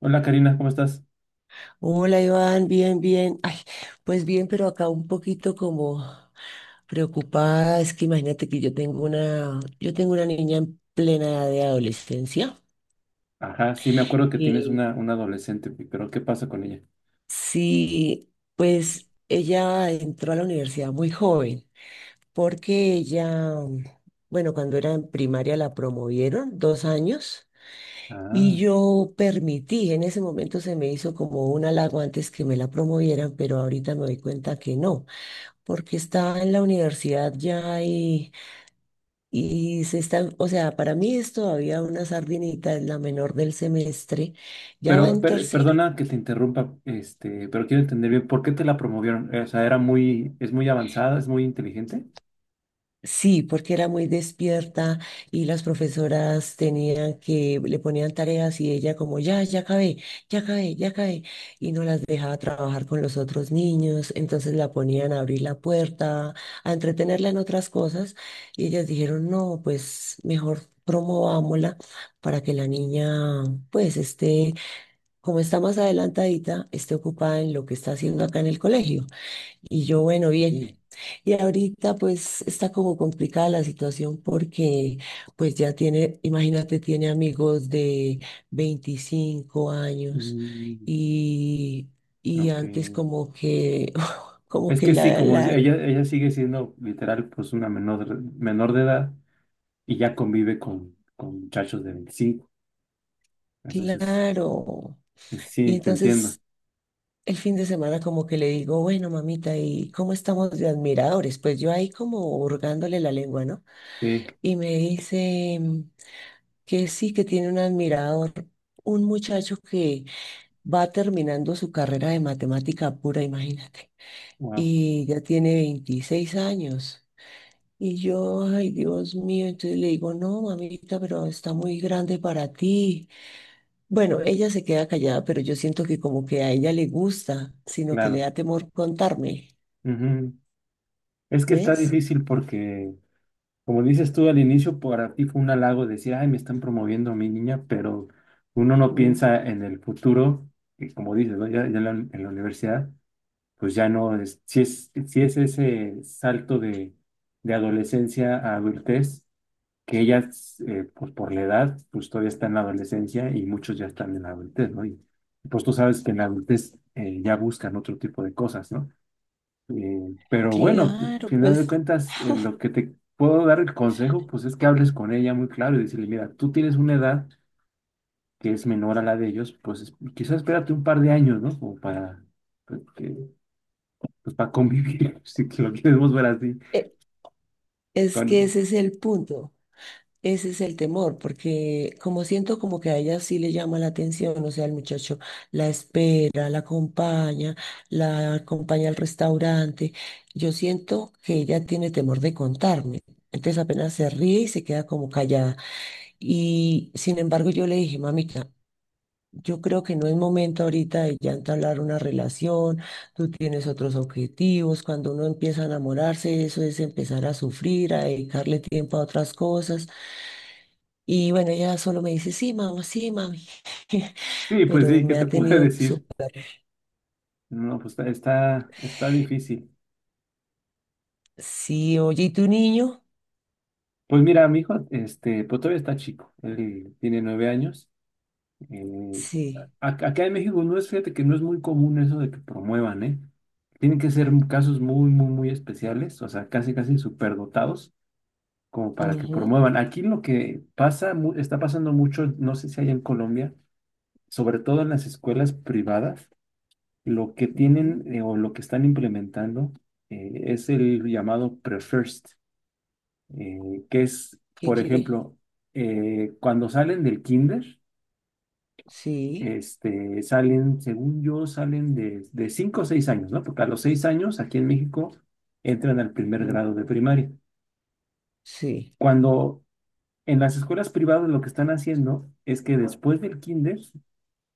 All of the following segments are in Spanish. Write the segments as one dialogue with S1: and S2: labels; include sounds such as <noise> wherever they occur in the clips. S1: Hola Karina, ¿cómo estás?
S2: Hola Iván, bien, bien. Ay, pues bien, pero acá un poquito como preocupada. Es que imagínate que yo tengo una niña en plena edad de adolescencia.
S1: Ajá, sí, me acuerdo que tienes
S2: Y
S1: una adolescente, pero ¿qué pasa con ella?
S2: sí, pues ella entró a la universidad muy joven, porque ella, bueno, cuando era en primaria la promovieron 2 años y
S1: Ah,
S2: yo permití, en ese momento se me hizo como un halago antes que me la promovieran, pero ahorita me doy cuenta que no. Porque está en la universidad ya y se está, o sea, para mí es todavía una sardinita, es la menor del semestre, ya va
S1: pero
S2: en tercero.
S1: perdona que te interrumpa, pero quiero entender bien, ¿por qué te la promovieron? O sea, era muy, es muy avanzada, es muy inteligente.
S2: Sí, porque era muy despierta y las profesoras le ponían tareas y ella como, ya, ya acabé, ya acabé, ya acabé, y no las dejaba trabajar con los otros niños, entonces la ponían a abrir la puerta, a entretenerla en otras cosas, y ellas dijeron, no, pues mejor promovámosla para que la niña, pues esté, como está más adelantadita, esté ocupada en lo que está haciendo acá en el colegio. Y yo, bueno, bien.
S1: Sí.
S2: Y ahorita pues está como complicada la situación porque pues ya tiene, imagínate, tiene amigos de 25 años
S1: Mm,
S2: y, y
S1: ok.
S2: antes como que, <laughs> como
S1: Es
S2: que
S1: que sí, ella, ella sigue siendo literal, pues una menor, menor de edad y ya convive con muchachos de 25. Entonces,
S2: claro. Y
S1: sí, te entiendo.
S2: entonces el fin de semana como que le digo, bueno, mamita, ¿y cómo estamos de admiradores? Pues yo ahí como hurgándole la lengua, ¿no?
S1: Sí,
S2: Y me dice que sí, que tiene un admirador, un muchacho que va terminando su carrera de matemática pura, imagínate,
S1: wow,
S2: y ya tiene 26 años. Y yo, ay, Dios mío. Entonces le digo, no, mamita, pero está muy grande para ti. Bueno, ella se queda callada, pero yo siento que como que a ella le gusta, sino que le
S1: claro.
S2: da temor contarme,
S1: Ujú. Es que está
S2: ¿ves?
S1: difícil porque como dices tú al inicio, para ti fue un halago decir, ay, me están promoviendo a mi niña, pero uno no
S2: Mm.
S1: piensa en el futuro, y como dices, ¿no? Ya, ya en la universidad, pues ya no es, si es, si es ese salto de adolescencia a adultez, que ellas, pues por la edad, pues todavía están en la adolescencia y muchos ya están en la adultez, ¿no? Y pues tú sabes que en la adultez ya buscan otro tipo de cosas, ¿no? Pero bueno, al
S2: Claro,
S1: final de
S2: pues
S1: cuentas, lo que te puedo dar el consejo, pues es que hables con ella muy claro y decirle, mira, tú tienes una edad que es menor a la de ellos, quizás espérate un par de años, ¿no? Como para, pues, pues, para convivir, <laughs> si que lo queremos ver así.
S2: e- es que
S1: Con...
S2: ese es el punto. Ese es el temor, porque como siento como que a ella sí le llama la atención, o sea, el muchacho la espera, la acompaña al restaurante. Yo siento que ella tiene temor de contarme. Entonces apenas se ríe y se queda como callada. Y sin embargo yo le dije, mamita, yo creo que no es momento ahorita de ya entablar una relación, tú tienes otros objetivos, cuando uno empieza a enamorarse, eso es empezar a sufrir, a dedicarle tiempo a otras cosas. Y bueno, ella solo me dice, sí, mamá, sí, mami. <laughs>
S1: Sí, pues
S2: Pero
S1: sí, ¿qué
S2: me
S1: te
S2: ha
S1: puedo <laughs>
S2: tenido
S1: decir?
S2: súper.
S1: No, pues está, está, está difícil.
S2: Sí, oye, ¿y tu niño?
S1: Pues mira, mi hijo, pues todavía está chico, él tiene 9 años, eh,
S2: Sí.
S1: Acá en México no es, fíjate que no es muy común eso de que promuevan, ¿eh? Tienen que ser casos muy, muy, muy especiales, o sea, casi, casi superdotados, como para que
S2: Ujú,
S1: promuevan. Aquí lo que pasa, está pasando mucho, no sé si hay en Colombia, sobre todo en las escuelas privadas, lo que
S2: ujú.
S1: tienen o lo que están implementando es el llamado pre-first, eh, que es,
S2: ¿Qué
S1: por
S2: quiere?
S1: ejemplo, cuando salen del kinder.
S2: Sí.
S1: Salen, según yo, salen de 5 o 6 años, ¿no? Porque a los 6 años aquí en México entran al primer
S2: Mm.
S1: grado de primaria.
S2: Sí.
S1: Cuando en las escuelas privadas lo que están haciendo es que después del kinder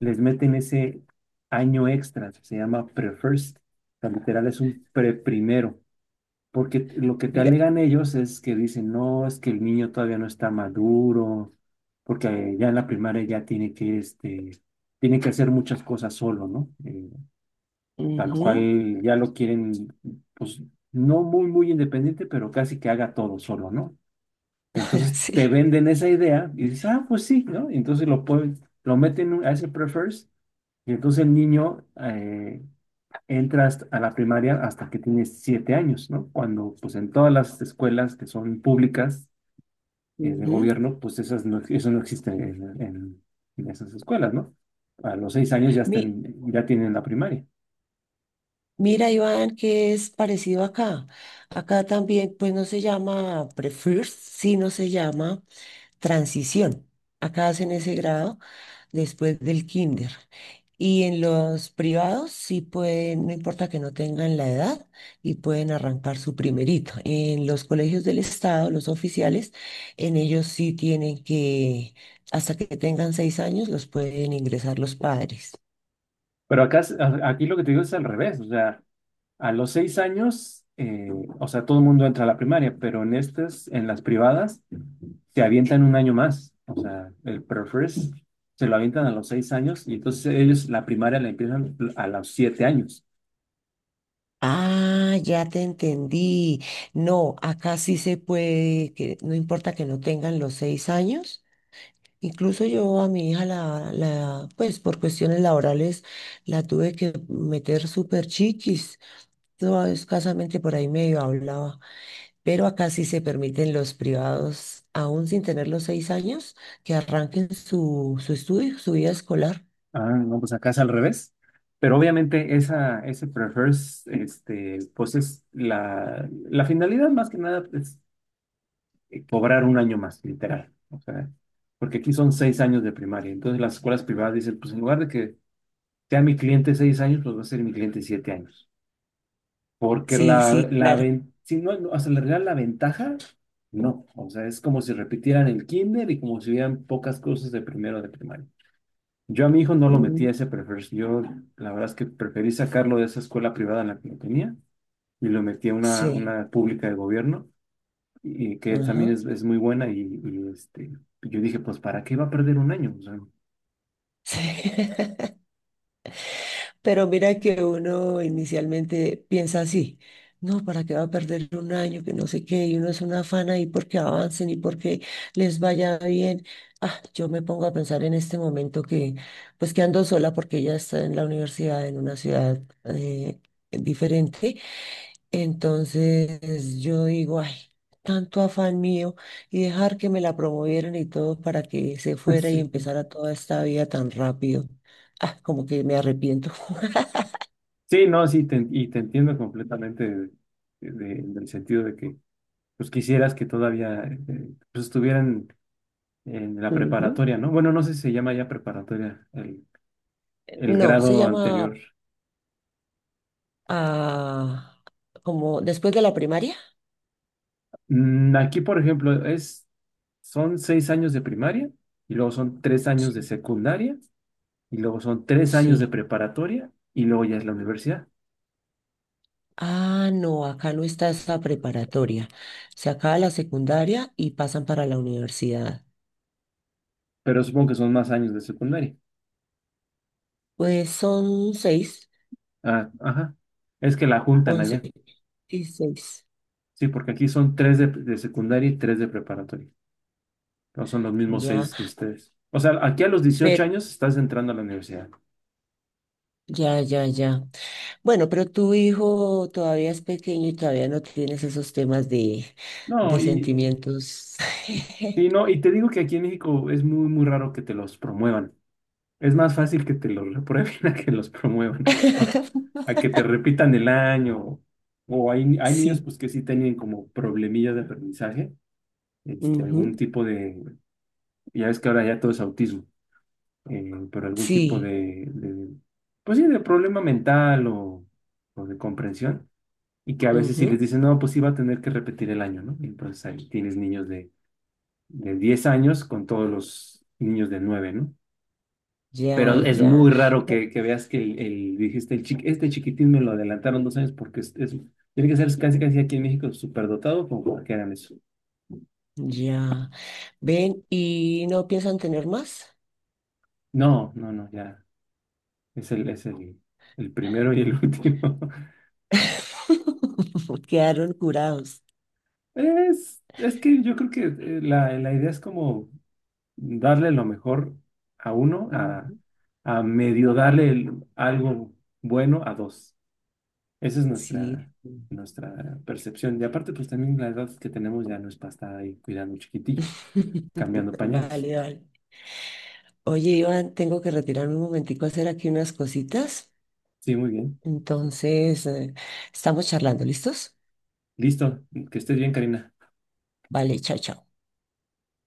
S1: les meten ese año extra, se llama pre-first, o sea, literal es un pre-primero. Porque lo que te
S2: Mira.
S1: alegan ellos es que dicen, no, es que el niño todavía no está maduro, porque ya en la primaria ya tiene que, tiene que hacer muchas cosas solo, ¿no? Tal
S2: Ujú.
S1: cual ya lo quieren, pues, no muy, muy independiente, pero casi que haga todo solo, ¿no?
S2: <laughs>
S1: Entonces
S2: Sí.
S1: te venden esa idea y dices, ah, pues sí, ¿no? Y entonces lo pueden, lo meten a ese prefers y entonces el niño, entras a la primaria hasta que tienes 7 años, ¿no? Cuando, pues, en todas las escuelas que son públicas, de
S2: Ujú.
S1: gobierno, pues esas no, eso no existe en esas escuelas, ¿no? A los seis años ya,
S2: Mi-
S1: estén, ya tienen la primaria.
S2: Mira, Iván, que es parecido acá. Acá también, pues no se llama Prefirst, sí, no se llama Transición. Acá hacen ese grado después del kinder. Y en los privados sí pueden, no importa que no tengan la edad, y pueden arrancar su primerito. En los colegios del estado, los oficiales, en ellos sí tienen que, hasta que tengan 6 años, los pueden ingresar los padres.
S1: Pero acá, aquí lo que te digo es al revés, o sea, a los seis años, o sea, todo el mundo entra a la primaria, pero en estas, en las privadas, te avientan un año más, o sea, el prefres se lo avientan a los 6 años y entonces ellos la primaria la empiezan a los 7 años.
S2: Ah, ya te entendí. No, acá sí se puede, que no importa que no tengan los 6 años. Incluso yo a mi hija la, la, pues por cuestiones laborales la tuve que meter súper chiquis. Yo escasamente por ahí medio hablaba, pero acá sí se permiten los privados, aún sin tener los 6 años, que arranquen su estudio, su vida escolar.
S1: Ah, no, pues acá es al revés. Pero obviamente esa, ese prefers, pues es la, la finalidad más que nada es cobrar un año más, literal. O sea, porque aquí son 6 años de primaria. Entonces las escuelas privadas dicen, pues en lugar de que sea mi cliente 6 años, pues va a ser mi cliente 7 años. Porque
S2: Sí,
S1: la,
S2: sí,
S1: la,
S2: claro.
S1: si no, no, o le regalan la ventaja, no. O sea, es como si repitieran el kinder y como si hubieran pocas cosas de primero de primaria. Yo a mi hijo no lo metí
S2: Mm.
S1: a ese prefer. Yo la verdad es que preferí sacarlo de esa escuela privada en la que lo tenía y lo metí a
S2: Sí,
S1: una pública de gobierno y que también
S2: ajá.
S1: es muy buena y, yo dije, pues ¿para qué va a perder un año? O sea,
S2: <laughs> Sí. Pero mira que uno inicialmente piensa así, no, ¿para qué va a perder un año? Que no sé qué, y uno es una afán ahí porque avancen y porque les vaya bien. Ah, yo me pongo a pensar en este momento que, pues que ando sola porque ella está en la universidad, en una ciudad diferente. Entonces yo digo, ay, tanto afán mío y dejar que me la promovieran y todo para que se fuera y
S1: <laughs> sí.
S2: empezara toda esta vida tan rápido. Ah, como que me arrepiento. <laughs>
S1: Sí, no, sí, te, y te entiendo completamente del sentido de que pues quisieras que todavía pues, estuvieran en la
S2: Ujú.
S1: preparatoria, ¿no? Bueno, no sé si se llama ya preparatoria el
S2: No, se
S1: grado
S2: llama
S1: anterior.
S2: ah, como después de la primaria.
S1: Mm, aquí, por ejemplo, es, son seis años de primaria y luego son 3 años de
S2: Sí.
S1: secundaria y luego son tres años de
S2: Sí.
S1: preparatoria y luego ya es la universidad.
S2: Ah, no, acá no está esa preparatoria. Se acaba la secundaria y pasan para la universidad.
S1: Pero supongo que son más años de secundaria.
S2: Pues son seis,
S1: Ah, ajá. Es que la juntan
S2: 11
S1: allá.
S2: y seis.
S1: Sí, porque aquí son tres de secundaria y tres de preparatoria. No son los mismos
S2: Ya,
S1: seis de ustedes. O sea, aquí a los dieciocho
S2: pero
S1: años estás entrando a la universidad.
S2: ya, ya, ya. Bueno, pero tu hijo todavía es pequeño y todavía no tienes esos temas de,
S1: No,
S2: de
S1: y,
S2: sentimientos.
S1: y no, y te digo que aquí en México es muy, muy raro que te los promuevan. Es más fácil que te los reprueben <laughs> a que los promuevan, a,
S2: <laughs>
S1: a que te repitan el año. O hay niños
S2: Sí.
S1: pues que sí tienen como problemillas de aprendizaje, algún
S2: Ujú.
S1: tipo de, ya ves que ahora ya todo es autismo, pero algún tipo
S2: Sí.
S1: de, pues sí, de problema mental o de comprensión. Y que a veces sí les
S2: Ujú.
S1: dicen, no, pues sí va a tener que repetir el año, ¿no? Y entonces ahí tienes niños de 10 años con todos los niños de nueve, ¿no?
S2: Ya,
S1: Pero es
S2: ya.
S1: muy
S2: Y
S1: raro
S2: no-
S1: que veas que el, dijiste, el este chiquitín me lo adelantaron dos años porque tiene que ser casi casi aquí en México superdotado como para que hagan eso.
S2: Ya. Ven, ¿y no piensan tener más?
S1: No, no, no, ya. Es el primero y el <laughs> último.
S2: <laughs> Quedaron curados.
S1: Es que yo creo que la, la idea es como darle lo mejor a uno,
S2: Ujú.
S1: a medio darle algo bueno a dos. Esa es
S2: Sí.
S1: nuestra, nuestra percepción. Y aparte, pues también la edad que tenemos ya no es para estar ahí cuidando chiquitillos, cambiando
S2: <laughs>
S1: pañales.
S2: Vale, vale. Oye, Iván, tengo que retirarme un momentico a hacer aquí unas cositas.
S1: Sí, muy bien.
S2: Entonces, estamos charlando, ¿listos?
S1: Listo. Que estés bien, Karina.
S2: Vale, chao, chao.